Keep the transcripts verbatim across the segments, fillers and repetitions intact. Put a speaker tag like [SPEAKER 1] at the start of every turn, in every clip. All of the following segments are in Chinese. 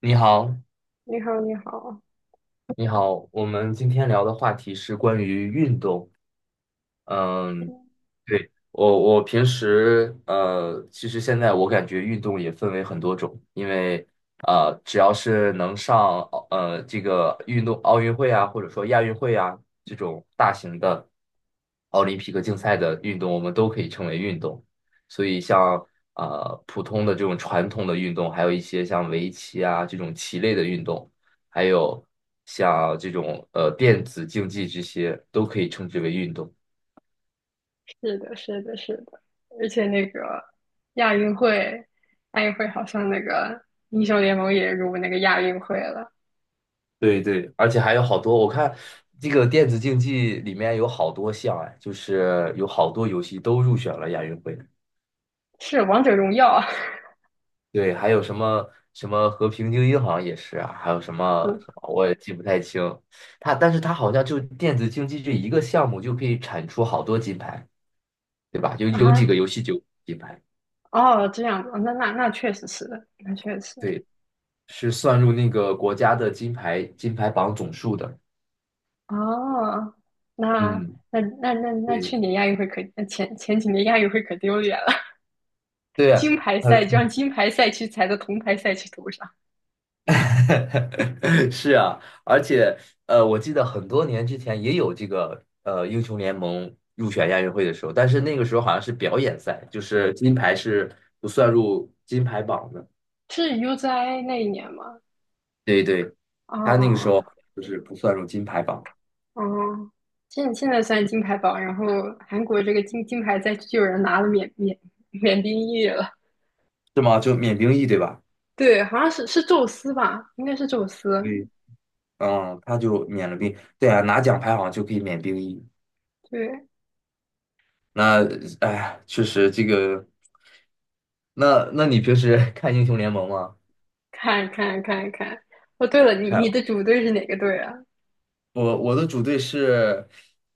[SPEAKER 1] 你好，
[SPEAKER 2] 你好，你好，
[SPEAKER 1] 你好，我们今天聊的话题是关于运动。嗯，对，我我平时呃，其实现在我感觉运动也分为很多种，因为呃，只要是能上呃这个运动奥运会啊，或者说亚运会啊，这种大型的奥林匹克竞赛的运动，我们都可以称为运动。所以像呃普通的这种传统的运动，还有一些像围棋啊这种棋类的运动，还有像这种呃电子竞技这些，都可以称之为运动。
[SPEAKER 2] 是的，是的，是的。而且那个亚运会，亚运会好像那个英雄联盟也入那个亚运会了，
[SPEAKER 1] 对对，而且还有好多，我看这个电子竞技里面有好多项哎，就是有好多游戏都入选了亚运会。
[SPEAKER 2] 是王者荣耀 啊。
[SPEAKER 1] 对，还有什么什么和平精英好像也是啊，还有什么什么我也记不太清。它但是它好像就电子竞技这一个项目就可以产出好多金牌，对吧？有有几个游戏就有金牌，
[SPEAKER 2] 啊，哦，这样子。哦，那那那确实是的，那确实。
[SPEAKER 1] 对，是算入那个国家的金牌金牌榜总数的。
[SPEAKER 2] 哦，那
[SPEAKER 1] 嗯，
[SPEAKER 2] 那那那那
[SPEAKER 1] 对
[SPEAKER 2] 去年亚运会可，那前前几年亚运会可丢脸了。
[SPEAKER 1] 对啊，
[SPEAKER 2] 金牌
[SPEAKER 1] 很
[SPEAKER 2] 赛就让金牌赛区踩在铜牌赛区头上。
[SPEAKER 1] 是啊，而且呃，我记得很多年之前也有这个呃英雄联盟入选亚运会的时候，但是那个时候好像是表演赛，就是金牌是不算入金牌榜的。
[SPEAKER 2] 是 U z i 那一年吗？
[SPEAKER 1] 对对，
[SPEAKER 2] 哦
[SPEAKER 1] 他那个时
[SPEAKER 2] 哦
[SPEAKER 1] 候就是不算入金牌榜。
[SPEAKER 2] 哦，现现在算金牌榜，然后韩国这个金金牌再就有人拿了缅缅缅甸裔了。
[SPEAKER 1] 是吗？就免兵役对吧？
[SPEAKER 2] 对，好像是是宙斯吧，应该是宙斯。
[SPEAKER 1] 对，嗯，他就免了兵。对啊，拿奖牌好像就可以免兵役。
[SPEAKER 2] 对，
[SPEAKER 1] 那哎，确实这个，那那你平时 看英雄联盟吗？
[SPEAKER 2] 看看看看。哦，对了，你你
[SPEAKER 1] 看。
[SPEAKER 2] 的主队是哪个队啊？
[SPEAKER 1] 我我的主队是，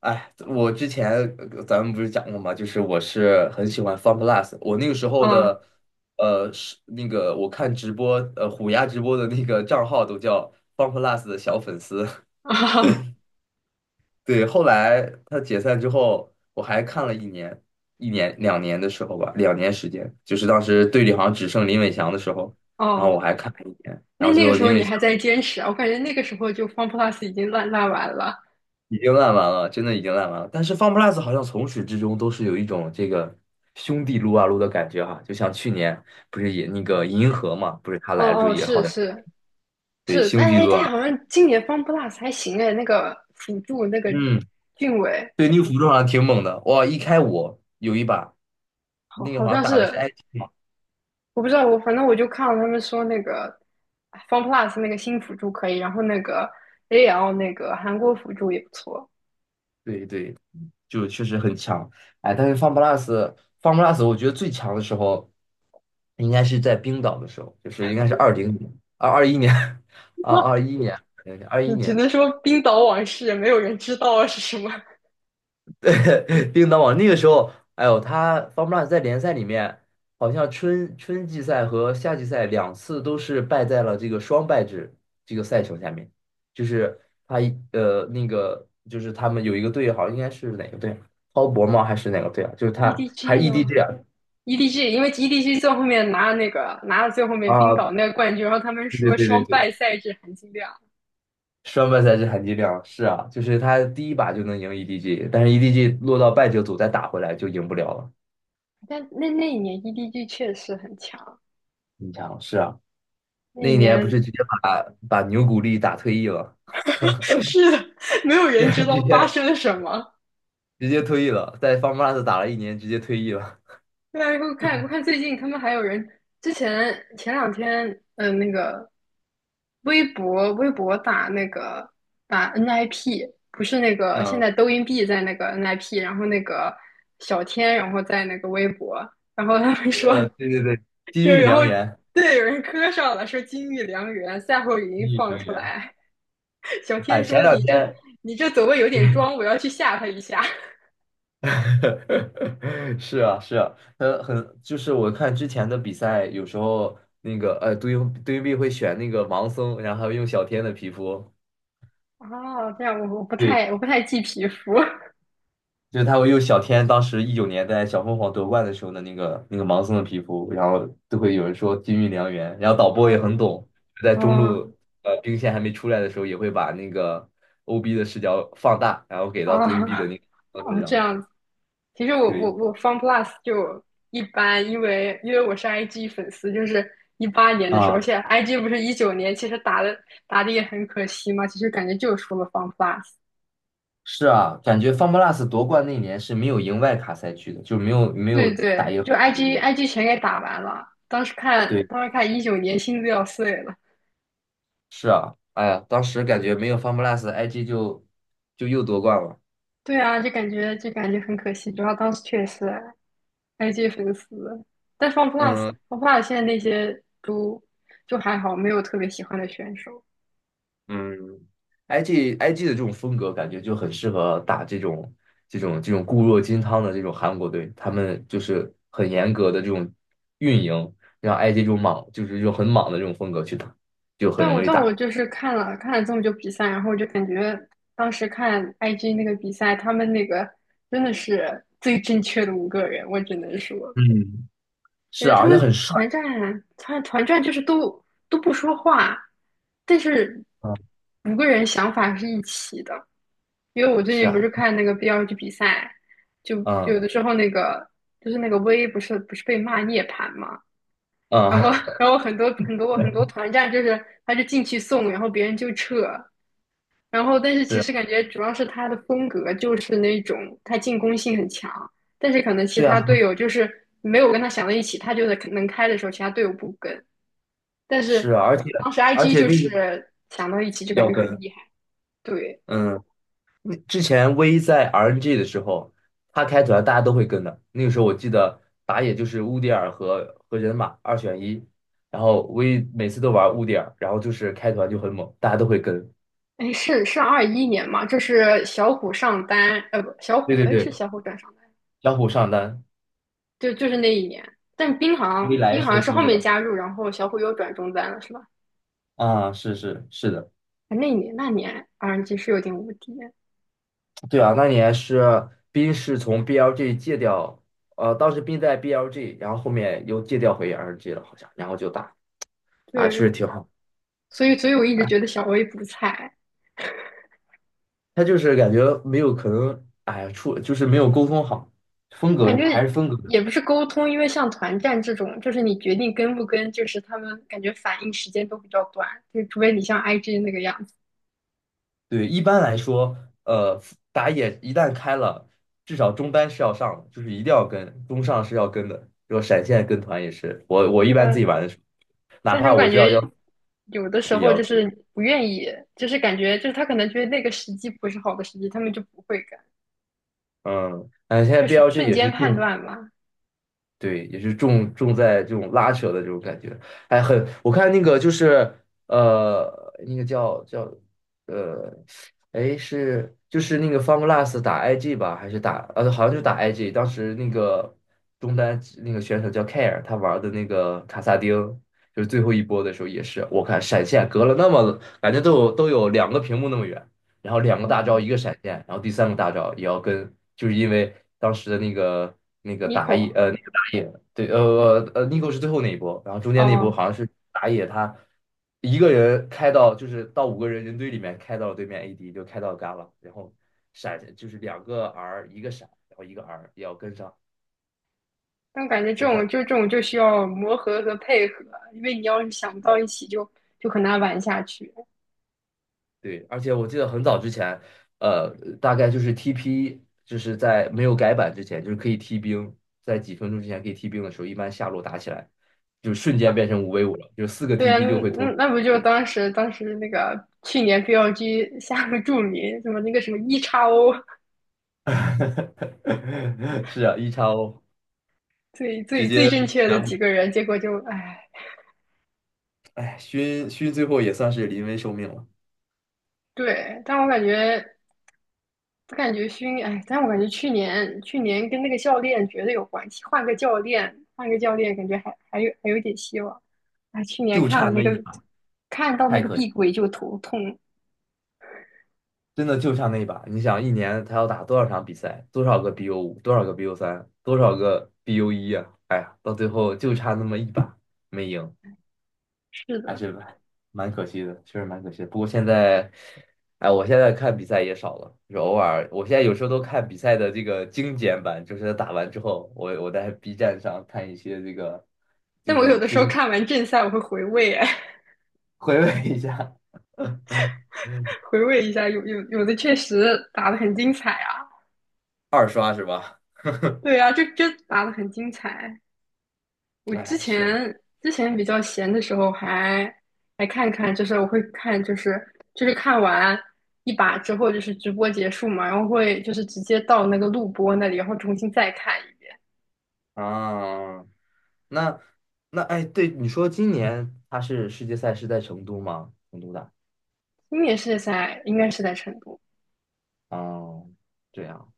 [SPEAKER 1] 哎，我之前呃咱们不是讲过吗？就是我是很喜欢 FunPlus，我那个时候
[SPEAKER 2] 嗯，
[SPEAKER 1] 的，呃，是那个我看直播，呃，虎牙直播的那个账号都叫 FunPlus 的小粉丝。
[SPEAKER 2] 哦
[SPEAKER 1] 对，后来他解散之后，我还看了一年，一年两年的时候吧，两年时间，就是当时队里好像只剩林伟翔的时候，然后
[SPEAKER 2] 哦。
[SPEAKER 1] 我还看了一年，然
[SPEAKER 2] 那
[SPEAKER 1] 后最
[SPEAKER 2] 那个
[SPEAKER 1] 后
[SPEAKER 2] 时候
[SPEAKER 1] 林伟
[SPEAKER 2] 你
[SPEAKER 1] 翔。
[SPEAKER 2] 还在坚持啊？我感觉那个时候就 FunPlus 已经烂烂完了。
[SPEAKER 1] 已经烂完了，真的已经烂完了。但是 FunPlus 好像从始至终都是有一种这个兄弟撸啊撸的感觉哈、就像去年不是也那个银河嘛，不是他
[SPEAKER 2] 哦
[SPEAKER 1] 来了之后
[SPEAKER 2] 哦，
[SPEAKER 1] 也
[SPEAKER 2] 是
[SPEAKER 1] 好像
[SPEAKER 2] 是
[SPEAKER 1] 对
[SPEAKER 2] 是，
[SPEAKER 1] 兄
[SPEAKER 2] 但
[SPEAKER 1] 弟
[SPEAKER 2] 哎
[SPEAKER 1] 撸
[SPEAKER 2] 但
[SPEAKER 1] 啊，
[SPEAKER 2] 好像今年 FunPlus 还行哎，那个辅助那个
[SPEAKER 1] 嗯，
[SPEAKER 2] 俊伟，
[SPEAKER 1] 对那个辅助好像挺猛的，哇，一开五有一把，
[SPEAKER 2] 好
[SPEAKER 1] 那个
[SPEAKER 2] 好
[SPEAKER 1] 好像
[SPEAKER 2] 像
[SPEAKER 1] 打的是
[SPEAKER 2] 是。
[SPEAKER 1] I T 嘛，
[SPEAKER 2] 我不知道，我反正我就看了他们说那个 FunPlus 那个新辅助可以，然后那个 A L 那个韩国辅助也不错。
[SPEAKER 1] 对对，就确实很强。哎，但是 FunPlus FunPlus 我觉得最强的时候应该是在冰岛的时候，就是应该是二零年、二二一年 啊，
[SPEAKER 2] 哇，
[SPEAKER 1] 二一年，二一
[SPEAKER 2] 只只
[SPEAKER 1] 年。
[SPEAKER 2] 能说冰岛往事，没有人知道啊是什么。
[SPEAKER 1] 叮当网那个时候，哎呦，他 f o r l u 在联赛里面，好像春春季赛和夏季赛两次都是败在了这个双败制这个赛程下面，就是他一呃那个就是他们有一个队，好像应该是哪个队啊，滔搏吗？还是哪个队啊？就是他还
[SPEAKER 2] E D G
[SPEAKER 1] 是
[SPEAKER 2] 吗
[SPEAKER 1] E D G 啊？
[SPEAKER 2] ？E D G，因为 E D G 最后面拿了那个拿了最后面冰
[SPEAKER 1] 啊，
[SPEAKER 2] 岛那个冠军，然后他们
[SPEAKER 1] 对
[SPEAKER 2] 说
[SPEAKER 1] 对
[SPEAKER 2] 双
[SPEAKER 1] 对对对，
[SPEAKER 2] 败赛制含金量。
[SPEAKER 1] 双败赛制含金量是啊，就是他第一把就能赢 E D G，但是 E D G 落到败者组再打回来就赢不了了。
[SPEAKER 2] 但那那一年 E D G 确实很强。
[SPEAKER 1] 你想是啊，
[SPEAKER 2] 那
[SPEAKER 1] 那
[SPEAKER 2] 一
[SPEAKER 1] 一年不
[SPEAKER 2] 年
[SPEAKER 1] 是直接把把牛古力打退役了，
[SPEAKER 2] 是的，没有 人知
[SPEAKER 1] 对，
[SPEAKER 2] 道
[SPEAKER 1] 直
[SPEAKER 2] 发
[SPEAKER 1] 接
[SPEAKER 2] 生了什么。
[SPEAKER 1] 直接退役了，在 FunPlus 打了一年，直接退役了。
[SPEAKER 2] 对啊，我看我看最近他们还有人。之前前两天，嗯，那个微博微博打那个打 N I P。不是那个现
[SPEAKER 1] 嗯，
[SPEAKER 2] 在抖音币在那个 N I P，然后那个小天，然后在那个微博，然后他们说，
[SPEAKER 1] 呃，对对对，
[SPEAKER 2] 就
[SPEAKER 1] 金玉
[SPEAKER 2] 然后
[SPEAKER 1] 良缘，
[SPEAKER 2] 对有人磕上了，说金玉良缘，赛后语
[SPEAKER 1] 金
[SPEAKER 2] 音
[SPEAKER 1] 玉
[SPEAKER 2] 放
[SPEAKER 1] 良
[SPEAKER 2] 出
[SPEAKER 1] 缘。
[SPEAKER 2] 来。小
[SPEAKER 1] 哎，
[SPEAKER 2] 天
[SPEAKER 1] 前
[SPEAKER 2] 说
[SPEAKER 1] 两
[SPEAKER 2] 你这
[SPEAKER 1] 天。
[SPEAKER 2] 你这走位有点装，我要去吓他一下。
[SPEAKER 1] 是啊，是啊，很很，就是我看之前的比赛，有时候那个呃，杜云杜英碧会选那个盲僧，然后用小天的皮肤。
[SPEAKER 2] 哦，这样我我不
[SPEAKER 1] 对。
[SPEAKER 2] 太我不太记皮肤。
[SPEAKER 1] 就是他会用小天当时一九年在小凤凰夺冠的时候的那个那个盲僧的皮肤，然后都会有人说金玉良缘，然后导播也很
[SPEAKER 2] 哦
[SPEAKER 1] 懂，在中
[SPEAKER 2] 哦，
[SPEAKER 1] 路呃兵线还没出来的时候，也会把那个 O B 的视角放大，然后 给到 d o i n
[SPEAKER 2] 啊
[SPEAKER 1] B 的那个身
[SPEAKER 2] 哦，这
[SPEAKER 1] 上。
[SPEAKER 2] 样子。其实我我
[SPEAKER 1] 对
[SPEAKER 2] 我 FunPlus 就一般，因为因为我是 I G 粉丝，就是一八年的时候。而
[SPEAKER 1] 啊，
[SPEAKER 2] 且 I G 不是一九年，其实打的打的也很可惜嘛。其实感觉就输了 FunPlus。
[SPEAKER 1] 是啊，感觉 FunPlus 夺冠那年是没有赢外卡赛区的，就没有没有
[SPEAKER 2] 对
[SPEAKER 1] 打
[SPEAKER 2] 对，
[SPEAKER 1] 赢
[SPEAKER 2] 就
[SPEAKER 1] 韩国
[SPEAKER 2] IG
[SPEAKER 1] 队。
[SPEAKER 2] IG 全给打完了。当时看
[SPEAKER 1] 对，
[SPEAKER 2] 当时看一九年，心都要碎了。
[SPEAKER 1] 是啊，哎呀，当时感觉没有 FunPlus，I G 就就又夺冠了。
[SPEAKER 2] 对啊，就感觉就感觉很可惜。主要当时确实 I G 粉丝，但 FunPlus
[SPEAKER 1] 嗯，
[SPEAKER 2] FunPlus 现在那些都就还好，没有特别喜欢的选手。
[SPEAKER 1] 嗯，I G I G 的这种风格感觉就很适合打这种这种这种固若金汤的这种韩国队，他们就是很严格的这种运营，让 I G 这种莽就是这种很莽的这种风格去打，就很
[SPEAKER 2] 但我
[SPEAKER 1] 容易
[SPEAKER 2] 但我
[SPEAKER 1] 打。
[SPEAKER 2] 就是看了看了这么久比赛，然后我就感觉当时看 I G 那个比赛，他们那个真的是最正确的五个人，我只能说。
[SPEAKER 1] 嗯，
[SPEAKER 2] 感
[SPEAKER 1] 是
[SPEAKER 2] 觉
[SPEAKER 1] 啊，
[SPEAKER 2] 他
[SPEAKER 1] 而且
[SPEAKER 2] 们
[SPEAKER 1] 很帅。
[SPEAKER 2] 团战团团战就是都都不说话，但是
[SPEAKER 1] 啊，
[SPEAKER 2] 五个人想法是一起的。因为我最
[SPEAKER 1] 是
[SPEAKER 2] 近不
[SPEAKER 1] 啊，
[SPEAKER 2] 是看那个 B L G 比赛，就有
[SPEAKER 1] 嗯
[SPEAKER 2] 的时候那个就是那个 V 不是不是被骂涅槃嘛，然后
[SPEAKER 1] 嗯，
[SPEAKER 2] 然后很多很多很多 团战就是他就进去送，然后别人就撤，然后但是
[SPEAKER 1] 是
[SPEAKER 2] 其
[SPEAKER 1] 啊，
[SPEAKER 2] 实感觉主要是他的风格就是那种，他进攻性很强，但是可能其
[SPEAKER 1] 对
[SPEAKER 2] 他
[SPEAKER 1] 啊，
[SPEAKER 2] 队友就是没有跟他想到一起，他就能能开的时候其他队友不跟，但
[SPEAKER 1] 是
[SPEAKER 2] 是
[SPEAKER 1] 啊而且
[SPEAKER 2] 当时
[SPEAKER 1] 而
[SPEAKER 2] I G
[SPEAKER 1] 且
[SPEAKER 2] 就
[SPEAKER 1] 那个
[SPEAKER 2] 是想到一起就感
[SPEAKER 1] 要
[SPEAKER 2] 觉很
[SPEAKER 1] 跟。
[SPEAKER 2] 厉害。对。
[SPEAKER 1] 嗯。那之前 V 在 R N G 的时候，他开团大家都会跟的。那个时候我记得打野就是乌迪尔和和人马二选一，然后 V 每次都玩乌迪尔，然后就是开团就很猛，大家都会跟。
[SPEAKER 2] 哎，是是二一年嘛？这是小虎上单，呃，不，小虎，
[SPEAKER 1] 对对
[SPEAKER 2] 哎，是
[SPEAKER 1] 对，
[SPEAKER 2] 小虎转上单。
[SPEAKER 1] 小虎上单
[SPEAKER 2] 就就是那一年。但冰好
[SPEAKER 1] ，V
[SPEAKER 2] 像
[SPEAKER 1] 来
[SPEAKER 2] 冰好
[SPEAKER 1] 守
[SPEAKER 2] 像是
[SPEAKER 1] 护
[SPEAKER 2] 后面
[SPEAKER 1] 者
[SPEAKER 2] 加入，然后小虎又转中单了，是吧？
[SPEAKER 1] 啊，是是是的，
[SPEAKER 2] 啊那一年那年 R N G 是有点无敌。
[SPEAKER 1] 对啊，那年是冰是从 B L G 戒掉，呃，当时冰在 B L G，然后后面又戒掉回 R N G 了，好像，然后就打打确实
[SPEAKER 2] 对，
[SPEAKER 1] 挺好。
[SPEAKER 2] 所以所以我一直觉得小威不菜。
[SPEAKER 1] 他就是感觉没有可能，哎呀，出就是没有沟通好，风
[SPEAKER 2] 感
[SPEAKER 1] 格
[SPEAKER 2] 觉
[SPEAKER 1] 还是风格。
[SPEAKER 2] 也不是沟通，因为像团战这种，就是你决定跟不跟，就是他们感觉反应时间都比较短，就除非你像 I G 那个样子。
[SPEAKER 1] 对，一般来说，呃，打野一旦开了，至少中单是要上的，就是一定要跟，中上是要跟的，然后闪现跟团也是。我我一
[SPEAKER 2] 对
[SPEAKER 1] 般
[SPEAKER 2] 啊，
[SPEAKER 1] 自己玩的时候，哪
[SPEAKER 2] 但是
[SPEAKER 1] 怕
[SPEAKER 2] 我
[SPEAKER 1] 我
[SPEAKER 2] 感
[SPEAKER 1] 知道要
[SPEAKER 2] 觉有的时
[SPEAKER 1] 也
[SPEAKER 2] 候
[SPEAKER 1] 要
[SPEAKER 2] 就
[SPEAKER 1] 跟。
[SPEAKER 2] 是不愿意，就是感觉就是他可能觉得那个时机不是好的时机，他们就不会跟，
[SPEAKER 1] 嗯，哎，现在
[SPEAKER 2] 就是
[SPEAKER 1] B L G
[SPEAKER 2] 瞬
[SPEAKER 1] 也是
[SPEAKER 2] 间判
[SPEAKER 1] 重
[SPEAKER 2] 断嘛。
[SPEAKER 1] 对，也是重重在这种拉扯的这种感觉，哎，很，我看那个就是呃，那个叫叫呃，哎是就是那个 FunGlass 打 I G 吧，还是打呃好像就打 I G，当时那个中单那个选手叫 Care，他玩的那个卡萨丁，就是最后一波的时候也是，我看闪现隔了那么感觉都有都有两个屏幕那么远。然后两个
[SPEAKER 2] 哦
[SPEAKER 1] 大招一个闪现，然后第三个大招也要跟，就是因为当时的那个那个打野
[SPEAKER 2] Nico，
[SPEAKER 1] 呃野，对，呃呃呃，Nico 是最后那一波，然后中间那一波
[SPEAKER 2] 哦，
[SPEAKER 1] 好像是打野他一个人开到就是到五个人人堆里面开到了对面 A D，就开到 Gala，然后闪就是两个 R 一个闪，然后一个 R 也要跟上，
[SPEAKER 2] 但我感觉这
[SPEAKER 1] 就
[SPEAKER 2] 种
[SPEAKER 1] 感
[SPEAKER 2] 就这种就需要磨合和配合。因为你要是想不到一起就，就很难玩下去。
[SPEAKER 1] 对，而且我记得很早之前，呃，大概就是 T P 就是在没有改版之前，就是可以踢兵，在几分钟之前可以踢兵的时候，一般下路打起来就瞬间
[SPEAKER 2] 啊
[SPEAKER 1] 变成五 v 五了，就四个
[SPEAKER 2] 对啊。
[SPEAKER 1] T P 就会
[SPEAKER 2] 那
[SPEAKER 1] 同。
[SPEAKER 2] 那不就当时当时那个去年 B L G 下个注明什么那个什么 EXO
[SPEAKER 1] 是啊，一超
[SPEAKER 2] 最
[SPEAKER 1] 直
[SPEAKER 2] 最最
[SPEAKER 1] 接
[SPEAKER 2] 正确的
[SPEAKER 1] 全
[SPEAKER 2] 几
[SPEAKER 1] 部，
[SPEAKER 2] 个人，结果就唉。
[SPEAKER 1] 哎，勋勋最后也算是临危受命了，
[SPEAKER 2] 对，但我感觉我感觉熏，哎，但我感觉去年去年跟那个教练绝对有关系，换个教练，换个教练，感觉还还有还有点希望。哎，去年
[SPEAKER 1] 就
[SPEAKER 2] 看了
[SPEAKER 1] 差
[SPEAKER 2] 那
[SPEAKER 1] 那
[SPEAKER 2] 个，
[SPEAKER 1] 一把
[SPEAKER 2] 看到那
[SPEAKER 1] 太
[SPEAKER 2] 个
[SPEAKER 1] 可惜，
[SPEAKER 2] 碧桂就头痛。
[SPEAKER 1] 真的就差那一把。你想，一年他要打多少场比赛，多少个 B O 五，多少个 B O 三，多少个 B O 一啊？哎呀，到最后就差那么一把没赢
[SPEAKER 2] 是
[SPEAKER 1] 还
[SPEAKER 2] 的，
[SPEAKER 1] 是蛮可惜的，确实蛮可惜的。不过现在，哎，我现在看比赛也少了，就是偶尔，我现在有时候都看比赛的这个精简版，就是打完之后，我我在 B 站上看一些这个就
[SPEAKER 2] 但我有
[SPEAKER 1] 是
[SPEAKER 2] 的时候
[SPEAKER 1] 精简。
[SPEAKER 2] 看完正赛，我会回味。哎，
[SPEAKER 1] 回味一下。
[SPEAKER 2] 回味一下，有有有的确实打的很精彩啊。
[SPEAKER 1] 二刷是吧？
[SPEAKER 2] 对啊，就就打的很精彩。我之
[SPEAKER 1] 哎，是，
[SPEAKER 2] 前之前比较闲的时候还还看看，就是我会看，就是就是看完一把之后，就是直播结束嘛，然后会就是直接到那个录播那里，然后重新再看一遍。
[SPEAKER 1] 啊，那那哎，对，你说今年它是世界赛是在成都吗？成都的，
[SPEAKER 2] 今年是在应该是在成都，
[SPEAKER 1] 哦，这样。